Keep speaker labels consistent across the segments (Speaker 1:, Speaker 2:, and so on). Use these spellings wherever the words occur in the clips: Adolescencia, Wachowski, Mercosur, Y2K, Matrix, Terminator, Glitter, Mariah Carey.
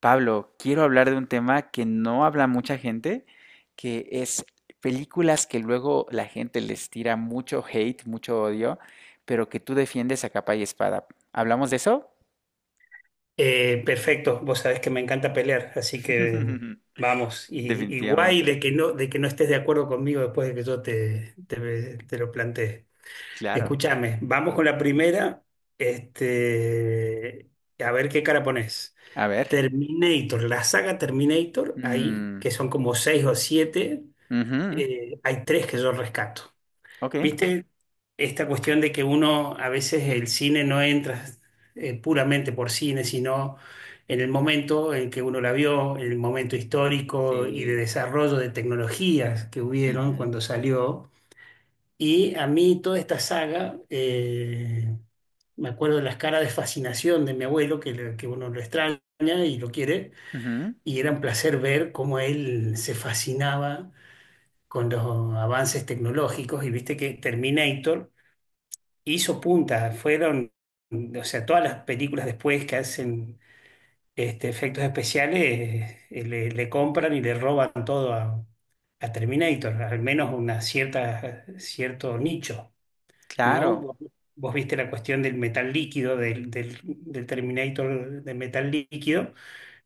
Speaker 1: Pablo, quiero hablar de un tema que no habla mucha gente, que es películas que luego la gente les tira mucho hate, mucho odio, pero que tú defiendes a capa y espada. ¿Hablamos de eso?
Speaker 2: Perfecto, vos sabés que me encanta pelear, así que vamos, y guay
Speaker 1: Definitivamente.
Speaker 2: de que no estés de acuerdo conmigo después de que yo te lo planteé.
Speaker 1: Claro.
Speaker 2: Escúchame, vamos con la primera, este, a ver qué cara pones.
Speaker 1: A ver.
Speaker 2: Terminator, la saga Terminator, ahí,
Speaker 1: Mm,
Speaker 2: que son como seis o siete,
Speaker 1: ujú.
Speaker 2: hay tres que yo rescato.
Speaker 1: Ok.
Speaker 2: ¿Viste esta cuestión de que uno a veces el cine no entra puramente por cine, sino en el momento en que uno la vio, en el momento histórico y de
Speaker 1: Sí.
Speaker 2: desarrollo de tecnologías que hubieron
Speaker 1: Ujú,
Speaker 2: cuando salió? Y a mí toda esta saga, me acuerdo de las caras de fascinación de mi abuelo, que, que uno lo extraña y lo quiere,
Speaker 1: ujú.
Speaker 2: y era un placer ver cómo él se fascinaba con los avances tecnológicos, y viste que Terminator hizo punta, fueron, o sea, todas las películas después que hacen efectos especiales, le compran y le roban todo a, Terminator, al menos una cierta, cierto nicho, ¿no?
Speaker 1: Claro.
Speaker 2: Vos viste la cuestión del metal líquido, del Terminator de metal líquido,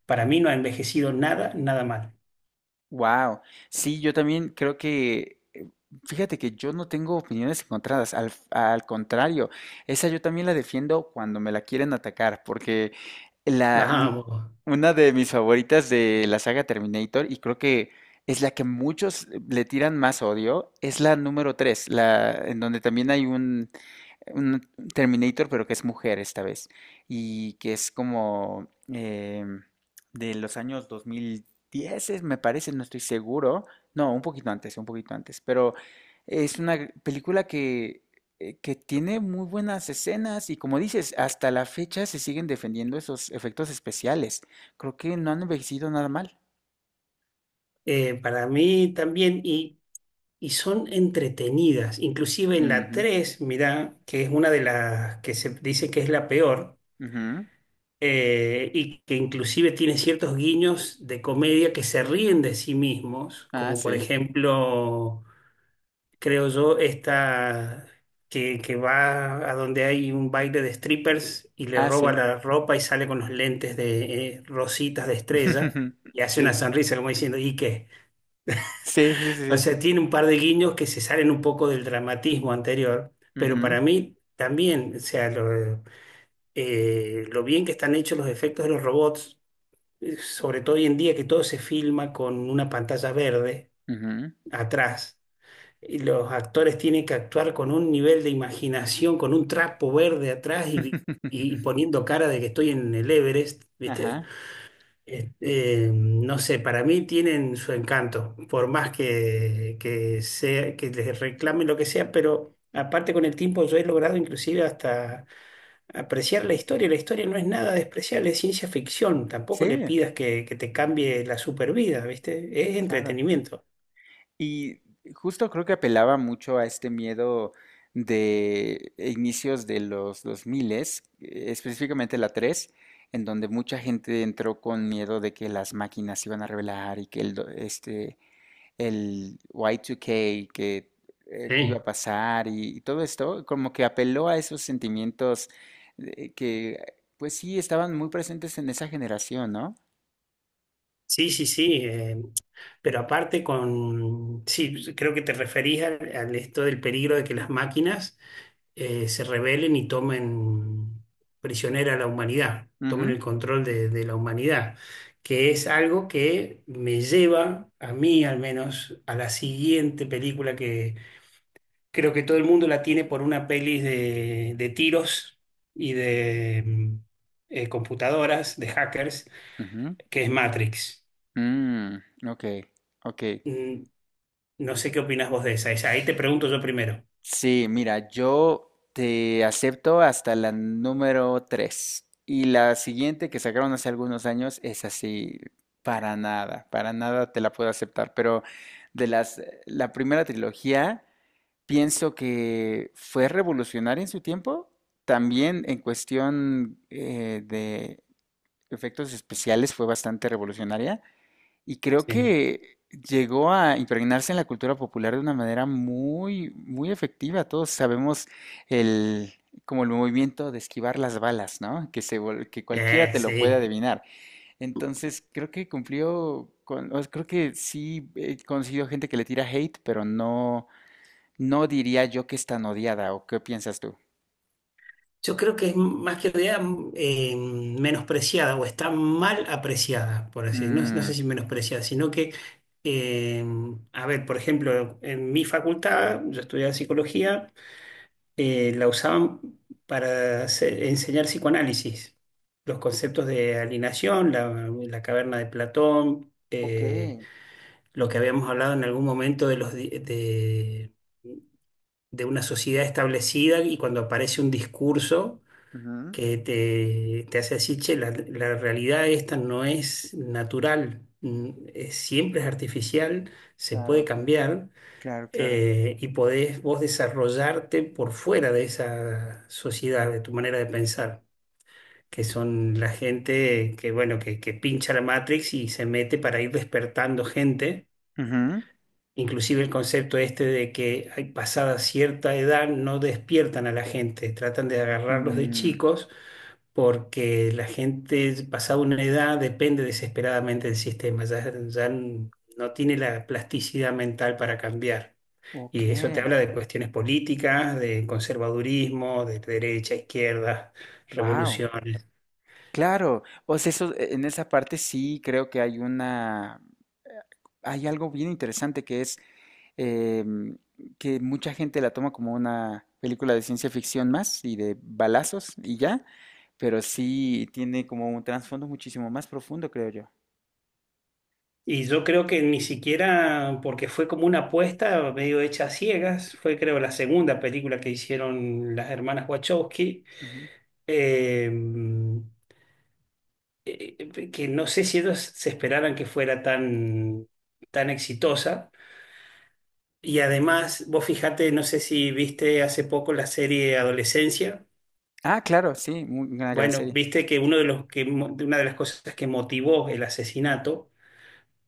Speaker 2: para mí no ha envejecido nada, nada mal.
Speaker 1: Wow, sí, yo también creo que, fíjate que yo no tengo opiniones encontradas, al contrario, esa yo también la defiendo cuando me la quieren atacar, porque la, mi-
Speaker 2: Vamos.
Speaker 1: una de mis favoritas de la saga Terminator, y creo que es la que muchos le tiran más odio, es la número 3 la, en donde también hay un Terminator, pero que es mujer esta vez, y que es como de los años 2010, me parece, no estoy seguro, no, un poquito antes, pero es una película que tiene muy buenas escenas y como dices, hasta la fecha se siguen defendiendo esos efectos especiales, creo que no han envejecido nada mal.
Speaker 2: Para mí también. Y son entretenidas. Inclusive en la
Speaker 1: Ujú,
Speaker 2: tres, mirá, que es una de las que se dice que es la peor,
Speaker 1: ujú.
Speaker 2: y que inclusive tiene ciertos guiños de comedia que se ríen de sí mismos,
Speaker 1: Ah,
Speaker 2: como por
Speaker 1: sí,
Speaker 2: ejemplo, creo yo, esta que va a donde hay un baile de strippers y le
Speaker 1: ah,
Speaker 2: roba
Speaker 1: sí,
Speaker 2: la ropa y sale con los lentes de, rositas de estrella, y hace una
Speaker 1: sí,
Speaker 2: sonrisa como diciendo, ¿y qué?
Speaker 1: sí, sí, sí,
Speaker 2: O
Speaker 1: sí.
Speaker 2: sea, tiene un par de guiños que se salen un poco del dramatismo anterior, pero
Speaker 1: Ujú,
Speaker 2: para mí también, o sea, lo bien que están hechos los efectos de los robots, sobre todo hoy en día que todo se filma con una pantalla verde
Speaker 1: ujú.
Speaker 2: atrás, y los actores tienen que actuar con un nivel de imaginación, con un trapo verde atrás, y poniendo cara de que estoy en el Everest, ¿viste?
Speaker 1: Ajá,
Speaker 2: Este, no sé, para mí tienen su encanto, por más que, sea, que les reclamen lo que sea, pero aparte con el tiempo yo he logrado inclusive hasta apreciar la historia. La historia no es nada despreciable, es ciencia ficción. Tampoco le
Speaker 1: sí,
Speaker 2: pidas que, te cambie la supervida, ¿viste? Es
Speaker 1: claro.
Speaker 2: entretenimiento.
Speaker 1: Y justo creo que apelaba mucho a este miedo de inicios de los 2000, específicamente la 3, en donde mucha gente entró con miedo de que las máquinas se iban a revelar y que el Y2K, que iba
Speaker 2: Sí.
Speaker 1: a pasar y todo esto, como que apeló a esos sentimientos eh, que, pues sí, estaban muy presentes en esa generación, no.
Speaker 2: Sí, sí, sí. Pero aparte con, sí, creo que te referís al, esto del peligro de que las máquinas, se rebelen y tomen prisionera a la humanidad, tomen
Speaker 1: Ujú,
Speaker 2: el control de la humanidad, que es algo que me lleva, a mí al menos, a la siguiente película, que creo que todo el mundo la tiene por una peli de tiros y
Speaker 1: ujú,
Speaker 2: de computadoras, de hackers,
Speaker 1: ujú.
Speaker 2: que es Matrix.
Speaker 1: Mm, ok, ok.
Speaker 2: Mm, No sé qué opinas vos de esa. Esa, ahí te pregunto yo primero.
Speaker 1: Sí, mira, yo te acepto hasta la número tres. Y la siguiente que sacaron hace algunos años es así, para nada te la puedo aceptar. Pero de las, la primera trilogía, pienso que fue revolucionaria en su tiempo. También en cuestión de efectos especiales fue bastante revolucionaria. Y creo
Speaker 2: Sí.
Speaker 1: que llegó a impregnarse en la cultura popular de una manera muy, muy efectiva. Todos sabemos el, como el movimiento de esquivar las balas, ¿no? Que se, que cualquiera te lo puede
Speaker 2: Sí.
Speaker 1: adivinar. Entonces, creo que cumplió con, o sea, creo que sí he conocido gente que le tira hate, pero no, no diría yo que es tan odiada, ¿o qué piensas tú?
Speaker 2: Yo creo que es más que idea menospreciada o está mal apreciada, por así decirlo. No, no sé
Speaker 1: Mm,
Speaker 2: si menospreciada, sino que, eh, a ver, por ejemplo, en mi facultad, yo estudiaba psicología, la usaban para enseñar psicoanálisis, los conceptos de alineación, la caverna de Platón,
Speaker 1: ok.
Speaker 2: lo que habíamos hablado en algún momento de los, di- de una sociedad establecida y cuando aparece un discurso
Speaker 1: Ujú.
Speaker 2: que te hace decir, che, la realidad esta no es natural, siempre es artificial, se puede
Speaker 1: Claro,
Speaker 2: cambiar,
Speaker 1: claro, claro.
Speaker 2: y podés vos desarrollarte por fuera de esa sociedad, de tu manera de pensar, que son la gente que, bueno, que pincha la Matrix y se mete para ir despertando gente.
Speaker 1: Ujú,
Speaker 2: Inclusive el concepto este de que, hay pasada cierta edad, no despiertan a la gente, tratan de agarrarlos de
Speaker 1: mm,
Speaker 2: chicos, porque la gente pasada una edad depende desesperadamente del sistema, ya no tiene la plasticidad mental para cambiar. Y eso te
Speaker 1: ok.
Speaker 2: habla de cuestiones políticas, de conservadurismo, de derecha, izquierda,
Speaker 1: Wow.
Speaker 2: revoluciones.
Speaker 1: Claro, pues eso, en esa parte sí creo que hay una, eh, hay algo bien interesante que es em, que mucha gente la toma como una película de ciencia ficción más y de balazos y ya, pero sí tiene como un trasfondo muchísimo más profundo, creo yo.
Speaker 2: Y yo creo que ni siquiera, porque fue como una apuesta medio hecha a ciegas, fue creo la segunda película que hicieron las hermanas Wachowski.
Speaker 1: Ujú.
Speaker 2: Eh, que no sé si ellos se esperaban que fuera tan, tan exitosa. Y además, vos fíjate, no sé si viste hace poco la serie Adolescencia.
Speaker 1: Ah, claro, sí, muy- una gran
Speaker 2: Bueno,
Speaker 1: serie.
Speaker 2: viste que uno de los que mo- de una de las cosas que motivó el asesinato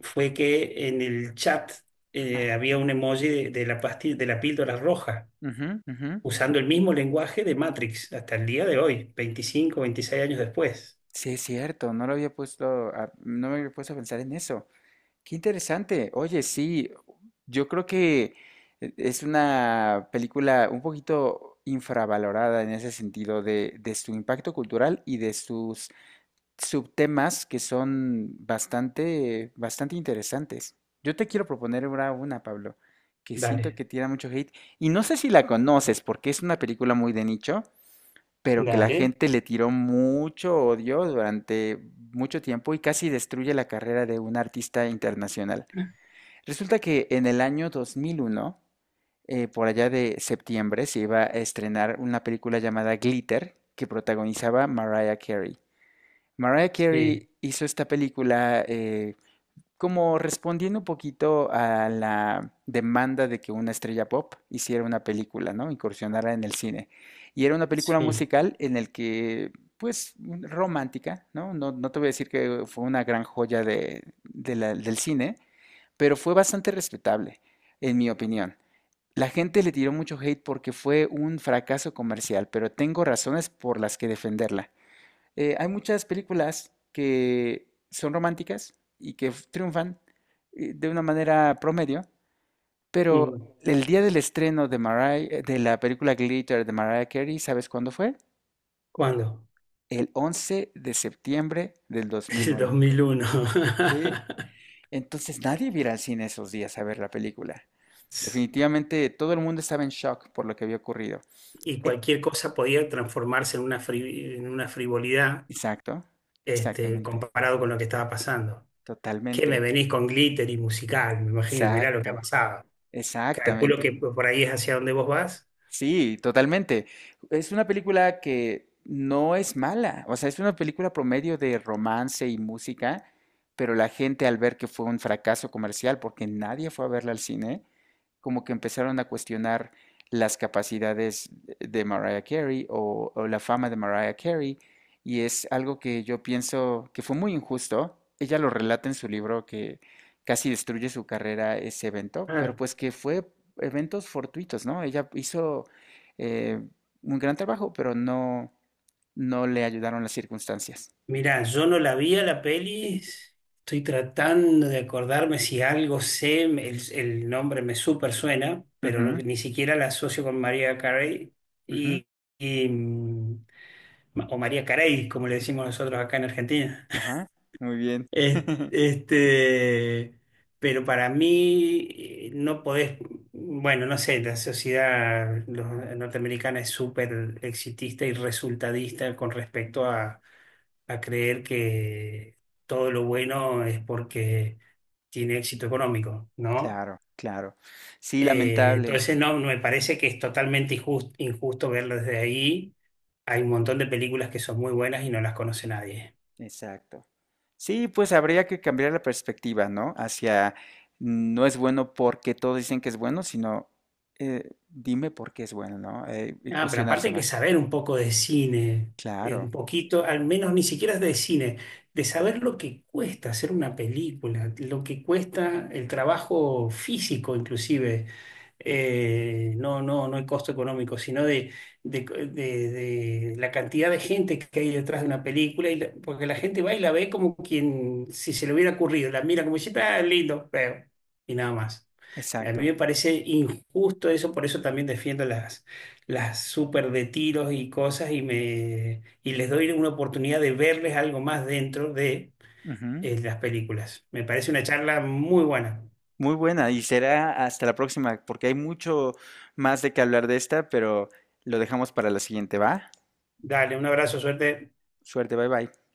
Speaker 2: fue que en el chat, había
Speaker 1: Ajá,
Speaker 2: un emoji de la pastilla, de la píldora roja,
Speaker 1: ujú, ujú.
Speaker 2: usando el mismo lenguaje de Matrix hasta el día de hoy, 25 26 años después.
Speaker 1: Sí, es cierto, no lo había puesto a- no me había puesto a pensar en eso. Qué interesante. Oye, sí, yo creo que es una película un poquito infravalorada en ese sentido de su impacto cultural y de sus subtemas que son bastante, bastante interesantes. Yo te quiero proponer ahora una, Pablo, que siento
Speaker 2: Dale,
Speaker 1: que tira mucho hate y no sé si la conoces porque es una película muy de nicho, pero que la
Speaker 2: dale.
Speaker 1: gente le tiró mucho odio durante mucho tiempo y casi destruye la carrera de un artista internacional. Resulta que en el año 2001, por allá de septiembre, se iba a estrenar una película llamada Glitter que protagonizaba Mariah Carey. Mariah
Speaker 2: Sí,
Speaker 1: Carey hizo esta película como respondiendo un poquito a la demanda de que una estrella pop hiciera una película, ¿no? Incursionara en el cine. Y era una película
Speaker 2: sí.
Speaker 1: musical en el que, pues, romántica, ¿no? No, no te voy a decir que fue una gran joya de, del cine, pero fue bastante respetable, en mi opinión. La gente le tiró mucho hate porque fue un fracaso comercial, pero tengo razones por las que defenderla. Hay muchas películas que son románticas y que triunfan de una manera promedio, pero
Speaker 2: Mm.
Speaker 1: el día del estreno de, de la película Glitter de Mariah Carey, ¿sabes cuándo fue?
Speaker 2: ¿Cuándo?
Speaker 1: El 11 de septiembre del dos mil
Speaker 2: El
Speaker 1: uno.
Speaker 2: 2001.
Speaker 1: Sí. Entonces nadie iba a ir al cine esos días a ver la película. Definitivamente todo el mundo estaba en shock por lo que había ocurrido.
Speaker 2: Y
Speaker 1: Eh,
Speaker 2: cualquier cosa podía transformarse en una, frivolidad,
Speaker 1: exacto, exactamente,
Speaker 2: comparado con lo que estaba pasando. Que
Speaker 1: totalmente,
Speaker 2: me venís con glitter y musical, me imagino, mirá lo que ha
Speaker 1: exacto,
Speaker 2: pasado. Calculo que
Speaker 1: exactamente.
Speaker 2: por ahí es hacia donde vos vas.
Speaker 1: Sí, totalmente. Es una película que no es mala, o sea, es una película promedio de romance y música, pero la gente al ver que fue un fracaso comercial, porque nadie fue a verla al cine, como que empezaron a cuestionar las capacidades de Mariah Carey o la fama de Mariah Carey y es algo que yo pienso que fue muy injusto. Ella lo relata en su libro que casi destruye su carrera ese evento, pero
Speaker 2: Claro.
Speaker 1: pues que fue eventos fortuitos, ¿no? Ella hizo eh, un gran trabajo, pero no, no le ayudaron las circunstancias.
Speaker 2: Mirá, yo no la vi a la peli, estoy tratando de acordarme si algo sé, el nombre me súper suena, pero
Speaker 1: Ujú,
Speaker 2: ni siquiera la asocio con María Carey.
Speaker 1: ujú,
Speaker 2: Y, y, mm, o María Carey, como le
Speaker 1: ujú.
Speaker 2: decimos nosotros acá en Argentina.
Speaker 1: Ajá, muy bien.
Speaker 2: Es- Este, pero para mí, no podés, bueno, no sé, la sociedad norteamericana es súper exitista y resultadista con respecto a, creer que todo lo bueno es porque tiene éxito económico, ¿no?
Speaker 1: Claro, claro. Sí, lamentable.
Speaker 2: Entonces no, me parece que es totalmente injusto verlo desde ahí. Hay un montón de películas que son muy buenas y no las conoce nadie.
Speaker 1: Exacto. Sí, pues habría que cambiar la perspectiva, ¿no? Hacia no es bueno porque todos dicen que es bueno, sino dime por qué es bueno, ¿no? Y
Speaker 2: Ah, pero aparte
Speaker 1: cuestionarse
Speaker 2: hay que
Speaker 1: más.
Speaker 2: saber un poco de cine,
Speaker 1: Claro,
Speaker 2: un poquito, al menos ni siquiera de cine, de saber lo que cuesta hacer una película, lo que cuesta el trabajo físico inclusive, no, no, no el costo económico, sino de, de la cantidad de gente que hay detrás de una película, y porque la gente va y la ve como quien, si se le hubiera ocurrido, la mira como diciendo, ah, lindo, veo, y nada más. A mí
Speaker 1: exacto.
Speaker 2: me parece injusto eso, por eso también defiendo las súper de tiros y cosas, y les doy una oportunidad de verles algo más dentro de,
Speaker 1: Ujú.
Speaker 2: las películas. Me parece una charla muy buena.
Speaker 1: Muy buena, y será hasta la próxima, porque hay mucho más de qué hablar de esta, pero lo dejamos para la siguiente, ¿va?
Speaker 2: Dale, un abrazo, suerte.
Speaker 1: Suerte, bye bye.